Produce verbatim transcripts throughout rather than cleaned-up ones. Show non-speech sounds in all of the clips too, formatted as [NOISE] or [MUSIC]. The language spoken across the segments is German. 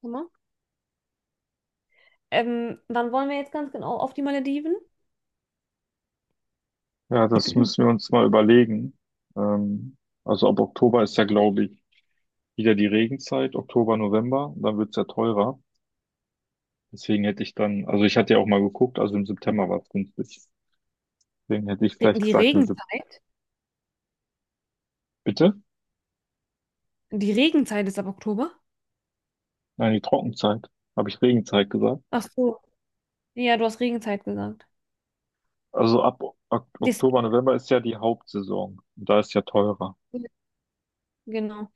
Guck mal. Ähm, wann wollen wir jetzt ganz genau auf die Malediven? Ja, das müssen wir [CLEARS THROAT] uns mal überlegen. Ähm, also ab Oktober ist ja, glaube ich, wieder die Regenzeit, Oktober, November, dann wird's ja teurer. Deswegen hätte ich dann, also ich hatte ja auch mal geguckt, also im September war's günstig. Deswegen hätte ich Die vielleicht die gesagt, im Sep- Regenzeit? bitte? Die Regenzeit ist ab Oktober? Nein, die Trockenzeit. Habe ich Regenzeit gesagt? Ach so. Ja, du hast Regenzeit gesagt. Also ab O- Ok- Das, Oktober, November ist ja die Hauptsaison. Und da ist ja teurer. genau.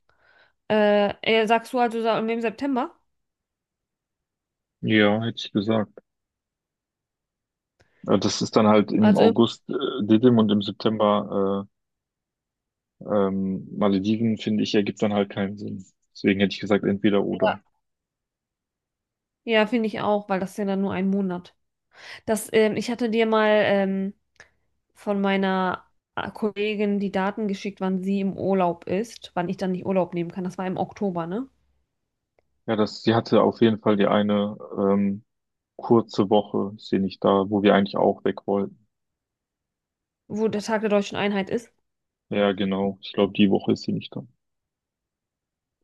Äh, äh, sagst du also sa- im September? Ja, hätte ich gesagt. Äh, Das ist dann halt im Also, im- August äh, Didim und im September äh, Ähm, Malediven, finde ich, ergibt dann halt keinen Sinn. Deswegen hätte ich gesagt, entweder oder. ja, ja finde ich auch, weil das ist ja dann nur ein Monat. Das, ähm, ich hatte dir mal ähm, von meiner äh, Kollegin die Daten geschickt, wann sie im Urlaub ist, wann ich dann nicht Urlaub nehmen kann. Das war im Oktober, ne? Ja, das, sie hatte auf jeden Fall die eine ähm, kurze Woche, ist sie nicht da, wo wir eigentlich auch weg wollten. Wo der Tag der Deutschen Einheit ist. Ja, genau. Ich glaube, die Woche ist sie nicht da.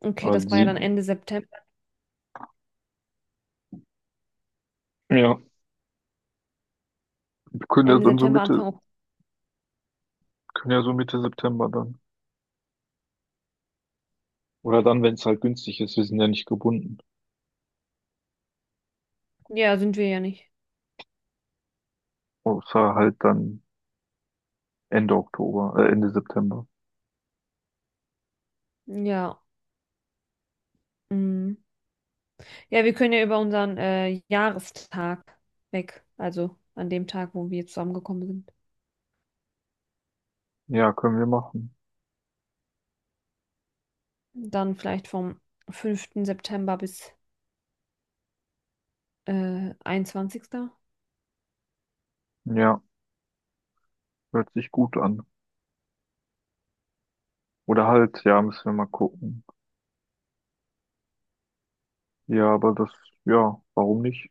Okay, Aber das war ja sie, dann Ende September. ja, wir können ja Ende dann so September, Mitte, Anfang Oktober. können ja so Mitte September dann. Oder dann, wenn es halt günstig ist, wir sind ja nicht gebunden. Ja, sind wir ja nicht. Außer halt dann Ende Oktober, äh, Ende September. Ja. Mhm. Ja, wir können ja über unseren äh, Jahrestag weg. Also an dem Tag, wo wir zusammengekommen sind. Ja, können wir machen. Dann vielleicht vom fünften September bis äh, einundzwanzigsten. Ja, hört sich gut an. Oder halt, ja, müssen wir mal gucken. Ja, aber das, ja, warum nicht?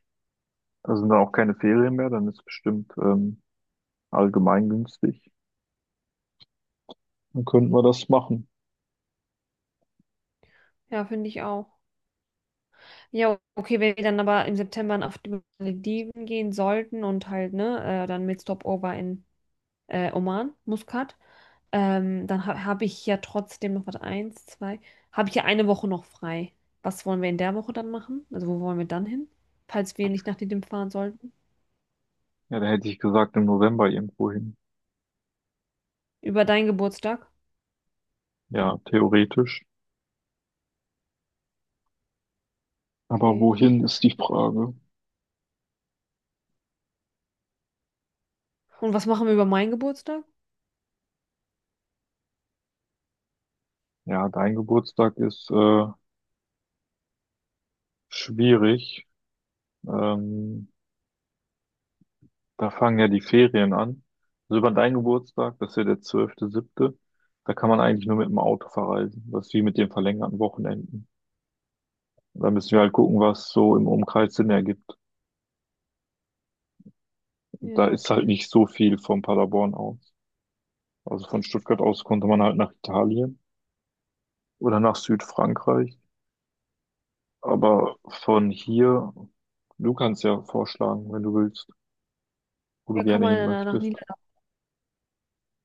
Da sind dann auch keine Ferien mehr, dann ist es bestimmt ähm, allgemein günstig. Dann könnten wir das machen. Ja, finde ich auch. Ja, okay, wenn wir dann aber im September auf die Malediven gehen sollten und halt, ne, äh, dann mit Stopover in äh, Oman, Muscat, ähm, dann ha habe ich ja trotzdem noch, was eins, zwei, habe ich ja eine Woche noch frei. Was wollen wir in der Woche dann machen? Also wo wollen wir dann hin? Falls wir nicht nach Didim fahren sollten. Ja, da hätte ich gesagt, im November irgendwo hin. Über deinen Geburtstag? Ja, theoretisch. Aber Okay. wohin ist die Ja. Frage? Und was machen wir über meinen Geburtstag? Ja, dein Geburtstag ist äh, schwierig. Ähm, Da fangen ja die Ferien an. Also über deinen Geburtstag, das ist ja der zwölfte siebte, da kann man eigentlich nur mit dem Auto verreisen. Das ist wie mit den verlängerten Wochenenden. Da müssen wir halt gucken, was so im Umkreis Sinn ergibt. Ja, Da ist halt okay. nicht so viel von Paderborn aus. Also von Stuttgart aus konnte man halt nach Italien oder nach Südfrankreich. Aber von hier, du kannst ja vorschlagen, wenn du willst, wo du Ja, kann gerne man hin dann nach möchtest. Niedersachsen.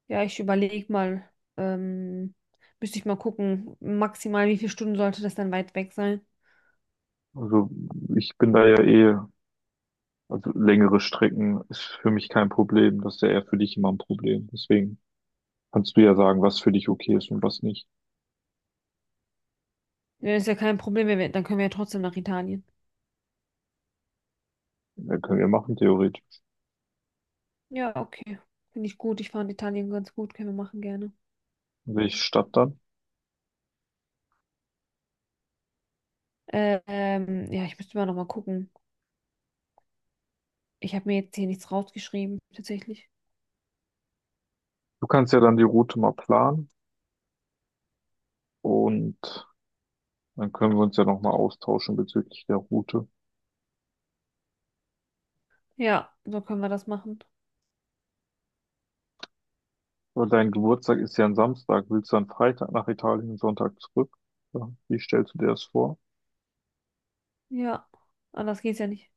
Ja, ich überlege mal, ähm, müsste ich mal gucken, maximal wie viele Stunden sollte das dann weit weg sein? Also ich bin da ja eh, also längere Strecken ist für mich kein Problem. Das ist ja eher für dich immer ein Problem. Deswegen kannst du ja sagen, was für dich okay ist und was nicht. Ja, ist ja kein Problem, wenn wir, dann können wir ja trotzdem nach Italien. Ja, können wir machen, theoretisch. Ja, okay. Finde ich gut. Ich fand Italien ganz gut. Können wir machen gerne. Welche Stadt dann? Äh, Ähm, ja, ich müsste mal nochmal gucken. Ich habe mir jetzt hier nichts rausgeschrieben, tatsächlich. Du kannst ja dann die Route mal planen und dann können wir uns ja nochmal austauschen bezüglich der Route. Ja, so können wir das machen. Aber dein Geburtstag ist ja ein Samstag. Willst du dann Freitag nach Italien und Sonntag zurück? Ja, wie stellst du dir das vor? Ja, anders geht's ja nicht.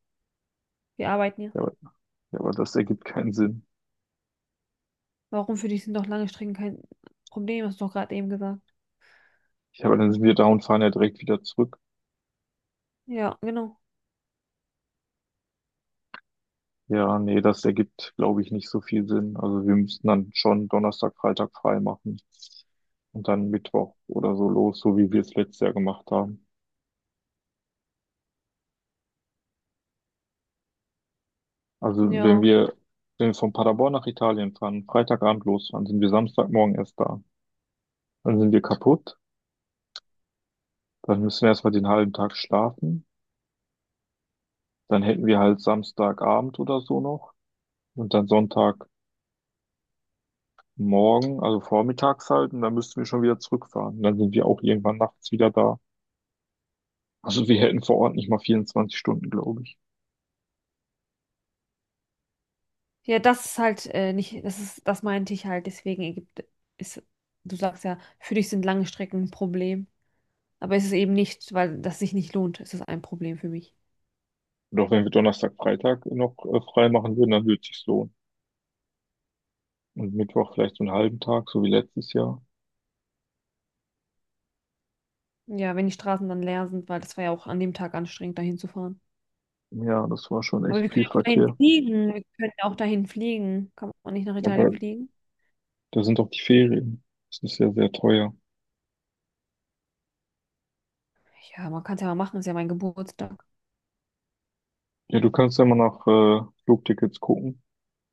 Wir arbeiten ja. Ja, aber, ja, aber das ergibt keinen Sinn. Warum für dich sind doch lange Strecken kein Problem, hast du doch gerade eben gesagt. Ja, aber dann sind wir da und fahren ja direkt wieder zurück. Ja, genau. Ja, nee, das ergibt, glaube ich, nicht so viel Sinn. Also wir müssten dann schon Donnerstag, Freitag frei machen und dann Mittwoch oder so los, so wie wir es letztes Jahr gemacht haben. Also wenn Ja. wir, wenn wir von Paderborn nach Italien fahren, Freitagabend losfahren, sind wir Samstagmorgen erst da. Dann sind wir kaputt. Dann müssen wir erstmal den halben Tag schlafen. Dann hätten wir halt Samstagabend oder so noch. Und dann Sonntagmorgen, also vormittags halt. Und dann müssten wir schon wieder zurückfahren. Und dann sind wir auch irgendwann nachts wieder da. Also wir hätten vor Ort nicht mal vierundzwanzig Stunden, glaube ich. Ja, das ist halt äh, nicht, das ist, das meinte ich halt, deswegen Ägypten ist, du sagst ja, für dich sind lange Strecken ein Problem. Aber es ist eben nicht, weil das sich nicht lohnt, ist es ein Problem für mich. Doch wenn wir Donnerstag, Freitag noch äh, frei machen würden, dann würde es sich lohnen. Und Mittwoch vielleicht so einen halben Tag, so wie letztes Jahr. Ja, wenn die Straßen dann leer sind, weil das war ja auch an dem Tag anstrengend, dahin zu fahren. Ja, das war schon Aber echt wir können viel ja auch dahin Verkehr. fliegen. Wir können ja auch dahin fliegen. Kann man nicht nach Aber Italien fliegen? da sind doch die Ferien. Das ist ja sehr teuer. Ja, man kann es ja mal machen, ist ja mein Geburtstag. Ja, du kannst ja mal nach äh, Flugtickets gucken.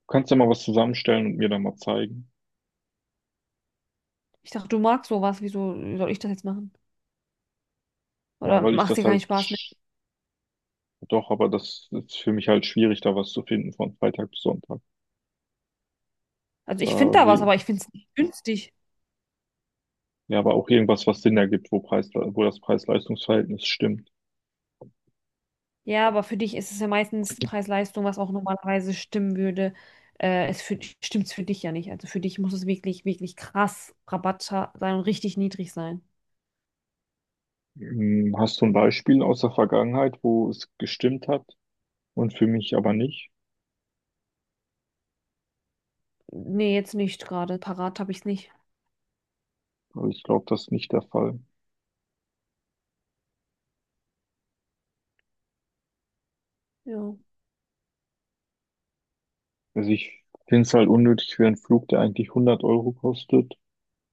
Kannst du mal was zusammenstellen und mir dann mal zeigen? Ich dachte, du magst sowas, wieso soll ich das jetzt machen? Ja, Oder weil ich macht das dir keinen halt Spaß mehr? sch- doch, aber das ist für mich halt schwierig, da was zu finden von Freitag bis Sonntag. Also ich finde Da da was, sehe aber ich finde es nicht günstig. Ja, aber auch irgendwas, was Sinn ergibt, wo Preis, wo das Preis-Leistungs-Verhältnis stimmt. Ja, aber für dich ist es ja meistens Preis-Leistung, was auch normalerweise stimmen würde. Äh, es für, stimmt es für dich ja nicht. Also für dich muss es wirklich, wirklich krass Rabatt ha- sein und richtig niedrig sein. Hm, hast du ein Beispiel aus der Vergangenheit, wo es gestimmt hat und für mich aber nicht? Nee, jetzt nicht gerade. Parat habe ich es nicht. Weil ich glaube, das ist nicht der Fall. Ja, Also ich finde es halt unnötig für einen Flug, der eigentlich hundert Euro kostet,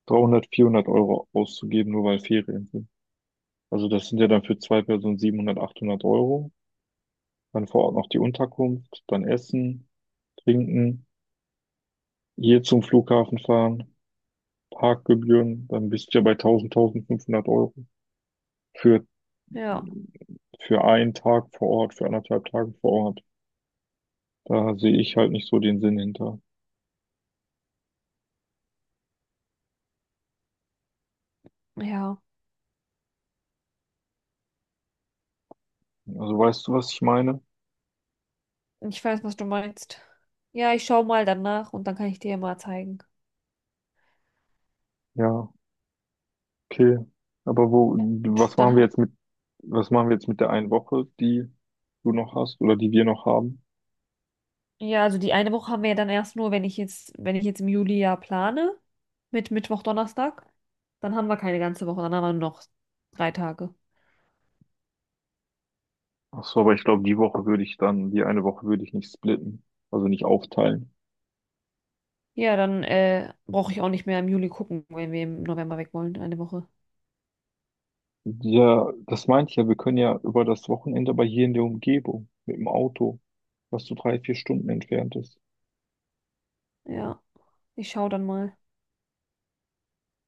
dreihundert, vierhundert Euro auszugeben, nur weil Ferien sind. Also das sind ja dann für zwei Personen siebenhundert, achthundert Euro. Dann vor Ort noch die Unterkunft, dann Essen, Trinken, hier zum Flughafen fahren, Parkgebühren, dann bist du ja bei tausend, tausendfünfhundert Euro für, ja, für einen Tag vor Ort, für anderthalb Tage vor Ort. Da sehe ich halt nicht so den Sinn hinter. ja. Also weißt du, was ich meine? Ich weiß, was du meinst. Ja, ich schaue mal danach und dann kann ich dir ja mal zeigen. Ja, okay. Aber wo, Und was dann, machen wir haben- jetzt mit, was machen wir jetzt mit der einen Woche, die du noch hast oder die wir noch haben? ja, also die eine Woche haben wir ja dann erst nur, wenn ich jetzt, wenn ich jetzt im Juli ja plane, mit Mittwoch, Donnerstag, dann haben wir keine ganze Woche, dann haben wir nur noch drei Tage. Ach so, aber ich glaube, die Woche würde ich dann, die eine Woche würde ich nicht splitten, also nicht aufteilen. Ja, dann äh, brauche ich auch nicht mehr im Juli gucken, wenn wir im November weg wollen, eine Woche. Ja, das meinte ich ja, wir können ja über das Wochenende aber hier in der Umgebung mit dem Auto, was so drei, vier Stunden entfernt ist. Ja, ich schaue dann mal.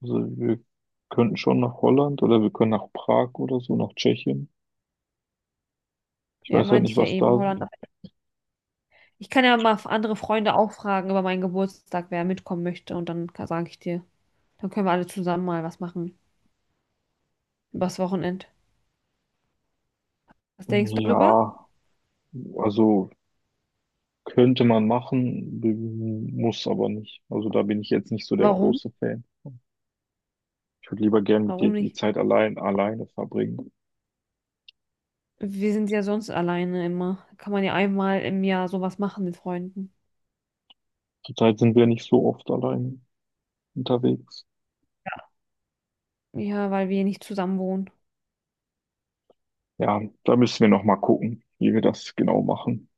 Also wir könnten schon nach Holland oder wir können nach Prag oder so, nach Tschechien. Ich Ja, weiß halt meinte nicht, ich ja was eben, da, Holland. Ich kann ja mal andere Freunde auch fragen über meinen Geburtstag, wer mitkommen möchte. Und dann sage ich dir, dann können wir alle zusammen mal was machen. Übers Wochenend. Was denkst du darüber? ja, also könnte man machen, b- muss aber nicht. Also da bin ich jetzt nicht so der Warum? große Fan. Ich würde lieber gern mit dir Warum die nicht? Zeit allein, alleine verbringen. Wir sind ja sonst alleine immer. Kann man ja einmal im Jahr sowas machen mit Freunden. Zurzeit sind wir nicht so oft allein unterwegs. Ja, weil wir nicht zusammen wohnen. Ja, da müssen wir noch mal gucken, wie wir das genau machen.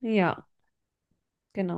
Ja, genau.